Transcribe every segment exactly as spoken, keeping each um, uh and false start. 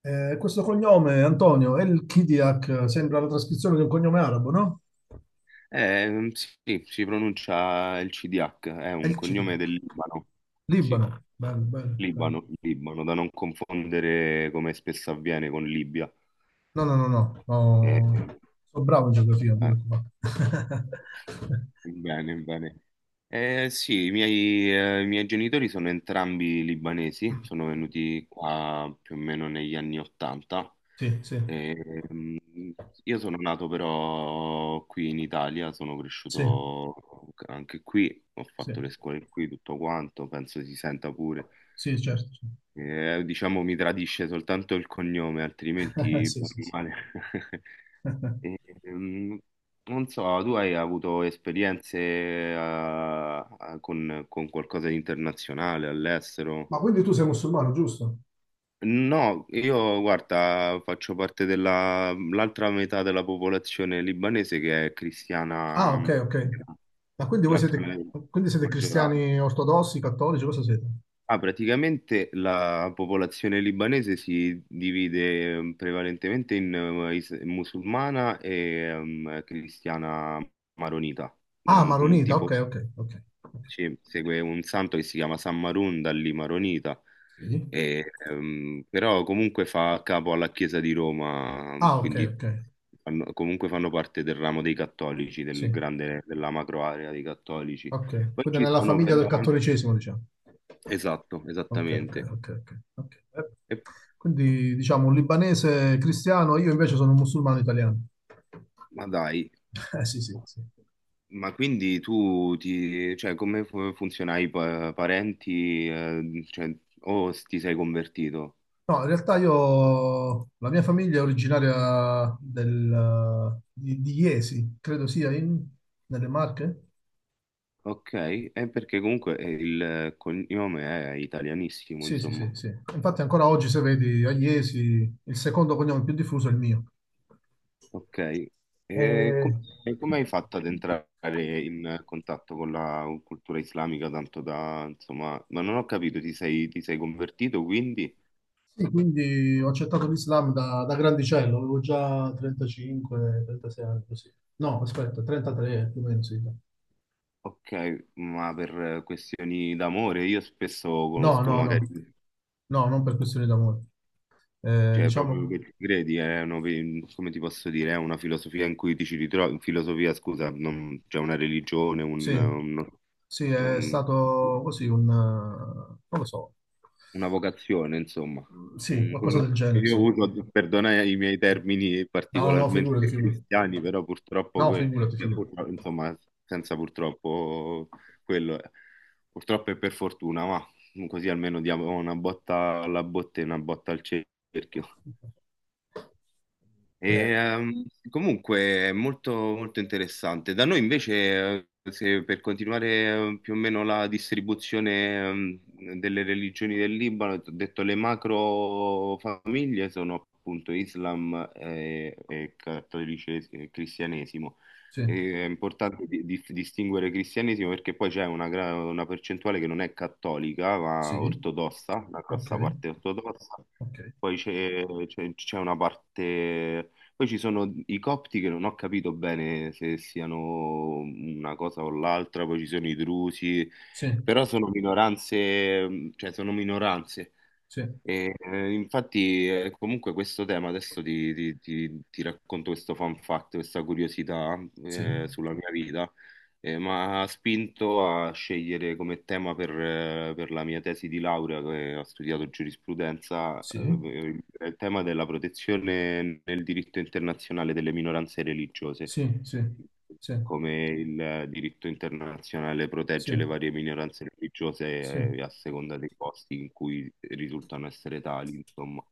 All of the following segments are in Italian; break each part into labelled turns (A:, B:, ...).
A: Eh, questo cognome, Antonio, El Kidiak, sembra la trascrizione di un cognome arabo, no?
B: Eh, sì, si pronuncia il C D H, è un
A: El
B: cognome
A: Kidiak,
B: del Libano. Sì,
A: Libano. Bello, bello, bello.
B: Libano, Libano, da non confondere come spesso avviene con Libia.
A: No, no, no, no,
B: Eh,
A: no. Sono bravo in geografia, non ti
B: eh,
A: preoccupare.
B: Bene, bene. Eh, sì, i miei, eh, i miei genitori sono entrambi libanesi,
A: Mm,
B: sono venuti qua più o meno negli anni Ottanta.
A: sì, sì,
B: Ehm, io sono nato però qui in Italia, sono
A: sì,
B: cresciuto anche qui, ho
A: sì,
B: fatto le scuole qui, tutto quanto, penso si senta pure.
A: sì, certo,
B: Eh, diciamo mi tradisce soltanto il cognome,
A: certo.
B: altrimenti
A: Sì,
B: bene
A: sì,
B: o
A: sì.
B: male. E, ehm, Non so, tu hai avuto esperienze eh, a- con, con qualcosa di internazionale all'estero?
A: Ma quindi tu sei musulmano, giusto?
B: No, io guarda, faccio parte della l'altra metà della popolazione libanese che è
A: Ah,
B: cristiana,
A: ok, ok. Ma quindi voi
B: l'altra
A: siete, quindi siete cristiani
B: maggioranza.
A: ortodossi, cattolici, cosa siete?
B: Ah, praticamente la popolazione libanese si divide eh, prevalentemente in eh, is- musulmana e ehm, cristiana maronita. È
A: Ah,
B: un, un
A: maronita, ok,
B: tipo
A: ok, ok, ok.
B: ci segue un santo che si chiama San Marun, da lì maronita,
A: Sì.
B: e, ehm, però comunque fa capo alla Chiesa di Roma,
A: Ah, ok,
B: quindi
A: ok.
B: fanno- comunque fanno parte del ramo dei cattolici, del
A: Sì.
B: grande, della macro area dei cattolici.
A: Ok,
B: Poi
A: quindi
B: ci
A: nella
B: sono
A: famiglia
B: però
A: del
B: anche...
A: cattolicesimo, diciamo.
B: Esatto,
A: Ok, ok,
B: esattamente.
A: ok, ok, ok. Eh, Quindi, diciamo, un libanese cristiano, io invece sono un musulmano italiano.
B: Ma dai,
A: Eh, sì, sì, sì.
B: ma quindi tu ti, cioè, come fu- funziona i pa- parenti, eh, cioè, o s- ti sei convertito?
A: No, in realtà io, la mia famiglia è originaria del, di, di Iesi, credo sia in, nelle Marche.
B: Ok, è perché comunque eh, il cognome è italianissimo,
A: Sì, sì, sì,
B: insomma.
A: sì. Infatti ancora oggi, se vedi, a Iesi il secondo cognome più diffuso è il mio.
B: Ok, e com-
A: Eh,
B: e come hai fatto ad entrare in contatto con la cultura islamica, tanto da, insomma, ma non ho capito, ti sei, ti sei convertito quindi?
A: Sì, quindi ho accettato l'Islam da, da grandicello, avevo già 35, 36 anni, così. No, aspetta, 33 più o meno, sì.
B: Ok, ma per questioni d'amore, io spesso
A: No,
B: conosco
A: no,
B: magari...
A: no, no, non per questioni d'amore. Eh,
B: Cioè, proprio che
A: diciamo,
B: ci credi, è una- come ti posso dire, è una filosofia in cui ti ci ritrovi, filosofia, scusa, non, cioè una religione, un,
A: sì,
B: un-
A: sì, è
B: un-
A: stato così un, eh, non lo so,
B: una vocazione, insomma.
A: mm, sì,
B: Un-
A: qualcosa
B: un-
A: del genere,
B: io
A: sì.
B: uso, perdona i miei termini
A: No, no,
B: particolarmente
A: figurati, figurati.
B: cristiani, però purtroppo,
A: No,
B: que-
A: figurati,
B: cioè,
A: figurati.
B: purtro- insomma, senza purtroppo quello, è. Purtroppo e per fortuna, ma così almeno diamo una botta alla botte e una botta al cerchio. E,
A: Eh,
B: ehm, comunque è molto, molto interessante. Da noi invece, eh, se per continuare eh, più o meno la distribuzione ehm, delle religioni del Libano, ti ho detto le macro famiglie sono appunto Islam e, e cattolicesimo e cristianesimo.
A: sì,
B: E È importante di- di- distinguere cristianesimo perché poi c'è una, gra- una percentuale che non è cattolica, ma
A: sì,
B: ortodossa, una
A: ok,
B: grossa parte ortodossa.
A: ok,
B: Poi c'è c'è- c'è una parte poi ci sono i copti che non ho capito bene se siano una cosa o l'altra, poi ci sono i drusi,
A: sì,
B: però sono minoranze, mh, cioè sono minoranze.
A: sì,
B: E, eh, infatti, eh, comunque questo tema, adesso ti, ti- ti- ti racconto questo fun fact, questa curiosità
A: sì,
B: eh, sulla mia vita, eh, ma ha spinto a scegliere come tema per, eh, per la mia tesi di laurea, che ho studiato giurisprudenza, eh,
A: sì,
B: il il tema della protezione nel diritto internazionale delle minoranze religiose,
A: sì, sì, sì,
B: come il diritto internazionale
A: sì,
B: protegge le varie minoranze
A: sì,
B: religiose eh,
A: sì,
B: a seconda dei posti in cui risultano essere tali, insomma.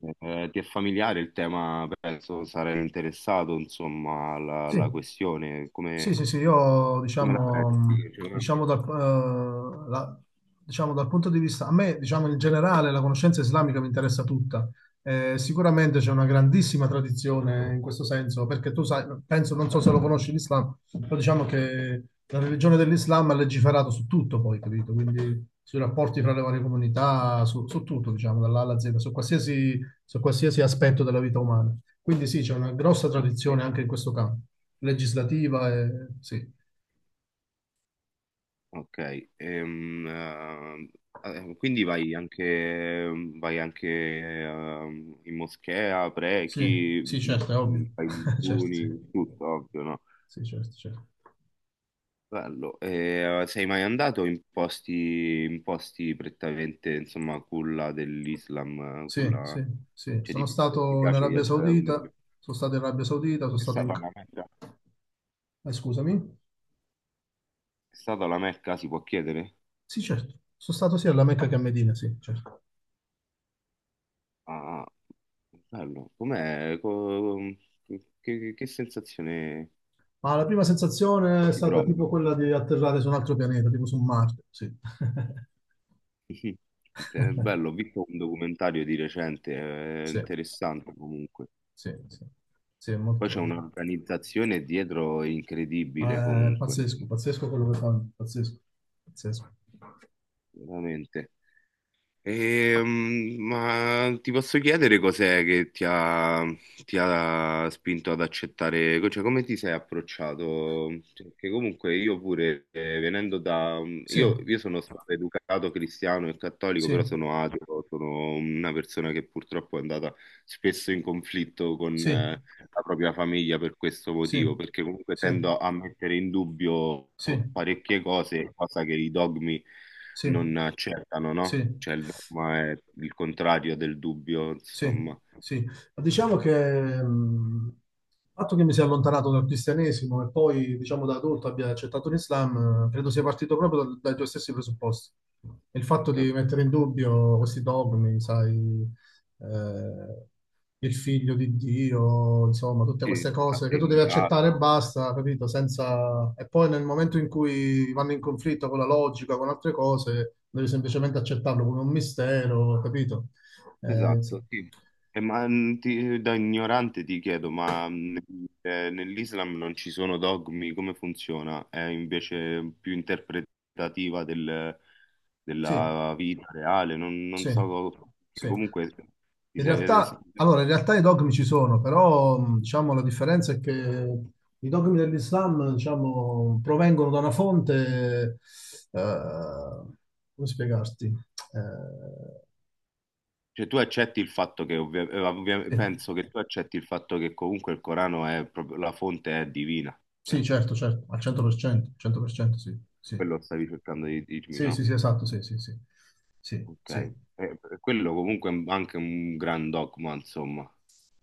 B: Eh, ti è familiare il tema, penso sarai interessato, insomma, alla, alla
A: sì.
B: questione,
A: Sì,
B: come,
A: sì, sì, io
B: come la
A: diciamo,
B: pensi?
A: mh,
B: Cioè,
A: diciamo, dal, eh, la- diciamo dal punto di vista, a me diciamo in generale la conoscenza islamica mi interessa tutta. Eh, sicuramente c'è una grandissima tradizione in questo senso, perché tu sai, penso, non so se lo conosci l'Islam, però diciamo che la religione dell'Islam ha legiferato su tutto poi, capito? Quindi sui rapporti fra le varie comunità, su, su tutto, diciamo, dall'A alla Z, su qualsiasi, su qualsiasi aspetto della vita umana. Quindi sì, c'è una grossa
B: ok.
A: tradizione anche in questo campo legislativa e sì,
B: Ok, ehm, eh, eh, quindi vai anche, vai anche ehm, in moschea,
A: sì,
B: preghi,
A: sì,
B: m-
A: certo, è ovvio.
B: m- fai i
A: Certo, sì,
B: digiuni, tutto, ovvio, no?
A: sì, certo, certo.
B: Bello. Eh, sei mai andato in posti, in posti prettamente, insomma, culla dell'Islam, eh,
A: Sì,
B: culla...
A: sì, sì.
B: Cioè, ti
A: Sono
B: piace, ti
A: stato in
B: piace
A: Arabia
B: viaggiare da quelle
A: Saudita,
B: parti?
A: sono stato in Arabia Saudita, sono
B: È
A: stato in...
B: stata la Mecca?
A: eh, scusami.
B: È stata la Mecca, si può chiedere?
A: Sì, certo. Sono stato sia alla Mecca che a Medina, sì, certo.
B: Ah, ah, bello. Com'è? Co- Che, che sensazione?
A: Ma la prima sensazione è
B: Si
A: stata
B: prova.
A: tipo quella di atterrare su un altro pianeta, tipo su Marte. Sì.
B: È bello, ho visto un documentario di recente, è
A: Sì,
B: interessante comunque.
A: sì, sì, sì, è
B: Poi c'è
A: molto
B: un'organizzazione dietro incredibile
A: eh, pazzesco,
B: comunque,
A: pazzesco quello che fanno, pazzesco, pazzesco.
B: veramente. Ehm, ma ti posso chiedere cos'è che ti ha, ti ha spinto ad accettare, cioè come ti sei approcciato? Perché comunque io pure, eh, venendo da... mm,
A: Sì,
B: Io, io sono stato educato cristiano e cattolico, però
A: sì,
B: sono ateo, sono una persona che purtroppo è andata spesso in conflitto con,
A: sì,
B: eh, la propria famiglia per questo
A: Sì,
B: motivo, perché comunque
A: sì,
B: tendo a mettere in dubbio
A: sì,
B: parecchie cose, cosa che i dogmi
A: sì,
B: non accettano, no?
A: sì.
B: Cioè il dogma è il contrario del dubbio,
A: Sì,
B: insomma.
A: sì. Ma diciamo che mh, il fatto che mi sia allontanato dal cristianesimo e poi, diciamo, da adulto abbia accettato l'Islam, eh, credo sia partito proprio dal- dai tuoi stessi presupposti. E il fatto di mettere in dubbio questi dogmi, sai, eh, il figlio di Dio, insomma, tutte
B: Sì,
A: queste
B: la
A: cose che tu devi
B: Trinità.
A: accettare e basta, capito? Senza... E poi nel momento in cui vanno in conflitto con la logica, con altre cose, devi semplicemente accettarlo come un mistero, capito? Eh, insomma.
B: Esatto, sì. E ma mh, ti- da ignorante ti chiedo, ma mh, eh, nell'Islam non ci sono dogmi, come funziona? È invece più interpretativa del-
A: Sì,
B: della vita reale, non, non
A: sì,
B: so, co- che
A: sì.
B: comunque ti
A: In
B: sei-
A: realtà, allora, in realtà i dogmi ci sono, però mh, diciamo, la differenza è che i dogmi dell'Islam diciamo, provengono da una fonte, eh, come spiegarti?
B: cioè, tu accetti il fatto che, ovvia- eh, ovvia-
A: Eh, eh,
B: penso che tu accetti il fatto che comunque il Corano è proprio, la fonte è divina, cioè,
A: sì, certo, certo, al cento per cento, cento per cento, sì, sì,
B: quello stavi cercando di dirmi,
A: sì, sì,
B: no?
A: sì, esatto, sì, sì, sì, sì,
B: Ok. Eh,
A: sì.
B: eh, quello comunque è anche un gran dogma, insomma.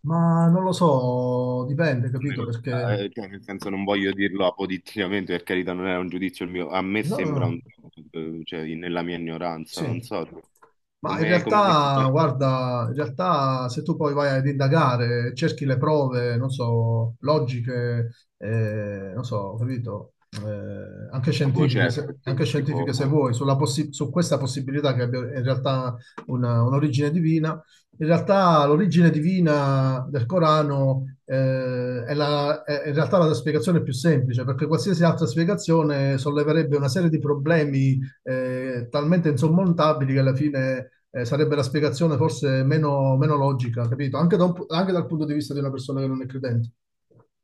A: Ma non lo so, dipende, capito?
B: Almeno,
A: Perché...
B: eh, cioè, nel senso non voglio dirlo apoditticamente, per carità, non era un giudizio il mio, a me
A: No, no,
B: sembra un
A: no.
B: eh, cioè, nella mia ignoranza, non
A: Sì.
B: so,
A: Ma in
B: come, come l'hai
A: realtà,
B: superato?
A: guarda, in realtà se tu poi vai ad indagare, cerchi le prove, non so, logiche, eh, non so, capito, eh, anche
B: Ah, boh,
A: scientifiche,
B: certo,
A: se,
B: perché
A: anche scientifiche se
B: tipo,
A: vuoi, sulla possi- su questa possibilità che abbia in realtà una- un'origine divina, in realtà l'origine divina del Corano, eh, è la- è in realtà la spiegazione più semplice, perché qualsiasi altra spiegazione solleverebbe una serie di problemi eh, talmente insormontabili che alla fine eh, sarebbe la spiegazione forse meno, meno logica, capito? Anche, da un- anche dal punto di vista di una persona che non è credente.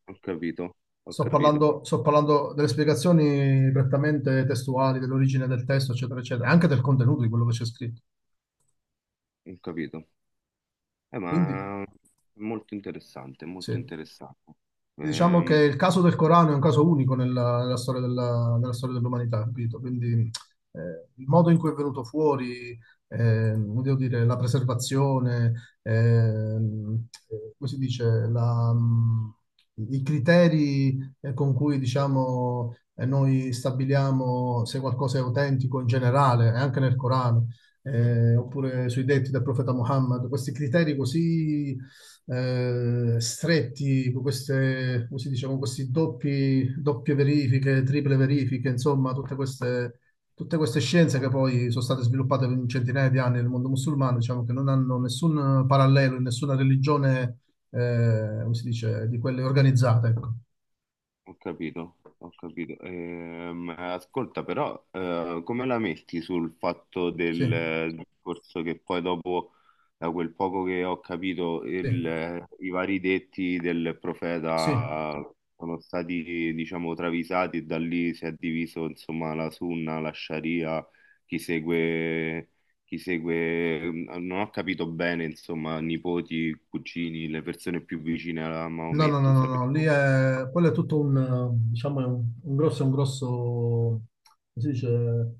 B: ho capito, ho
A: Sto
B: capito,
A: parlando, sto parlando delle spiegazioni prettamente testuali, dell'origine del testo, eccetera, eccetera, anche del contenuto di quello che c'è scritto.
B: ho capito. Eh,
A: Quindi,
B: ma è molto interessante, molto
A: sì.
B: interessante.
A: Diciamo che
B: Ehm,
A: il caso del Corano è un caso unico nella, nella storia della- nella storia dell'umanità, capito? Quindi eh, il modo in cui è venuto fuori, eh, come devo dire, la preservazione, ehm, eh, come si dice, la, mh, i criteri eh, con cui diciamo, eh, noi stabiliamo se qualcosa è autentico in generale, eh, anche nel Corano, eh, oppure sui detti del profeta Muhammad, questi criteri così eh, stretti, con queste, come si dice, con questi doppi, doppie verifiche, triple verifiche, insomma, tutte queste, tutte queste scienze che poi sono state sviluppate in centinaia di anni nel mondo musulmano, diciamo che non hanno nessun parallelo in nessuna religione, eh, come si dice, di quelle organizzate. Ecco.
B: Ho capito, ho capito. Ehm, ascolta, però, eh, come la metti sul fatto
A: Sì,
B: del discorso che poi dopo, da quel poco che ho capito,
A: sì,
B: il- i vari detti del
A: sì.
B: profeta sono stati, diciamo, travisati e da lì si è diviso, insomma, la sunna, la sharia, chi segue, chi segue, non ho capito bene, insomma, nipoti, cugini, le persone più vicine a
A: No, no, no,
B: Maometto,
A: no, no, lì
B: sapevo.
A: è, quello è tutto un, eh, diciamo, è un, un grosso, un grosso, come si dice,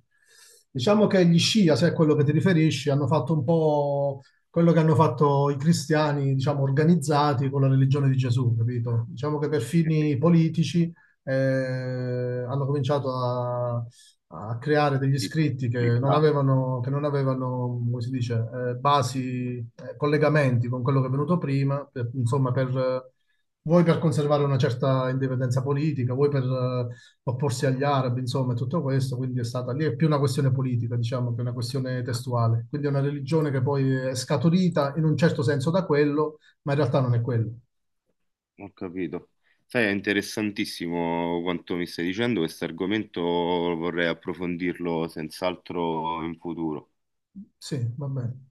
A: diciamo che gli Scia, se è quello che ti riferisci, hanno fatto un po' quello che hanno fatto i cristiani, diciamo, organizzati con la religione di Gesù, capito? Diciamo che per fini politici eh, hanno cominciato a, a creare degli
B: Sì,
A: scritti che non
B: utilizzare.
A: avevano, che non avevano, come si dice, eh, basi, eh, collegamenti con quello che è venuto prima, per- insomma, per... eh, vuoi per conservare una certa indipendenza politica, vuoi per eh, opporsi agli arabi, insomma, e tutto questo, quindi è stata lì, è più una questione politica, diciamo, che una questione testuale. Quindi è una religione che poi è scaturita in un certo senso da quello, ma in realtà non è quello.
B: Ho capito. Sai, è interessantissimo quanto mi stai dicendo, questo argomento vorrei approfondirlo senz'altro in futuro.
A: Sì, va bene.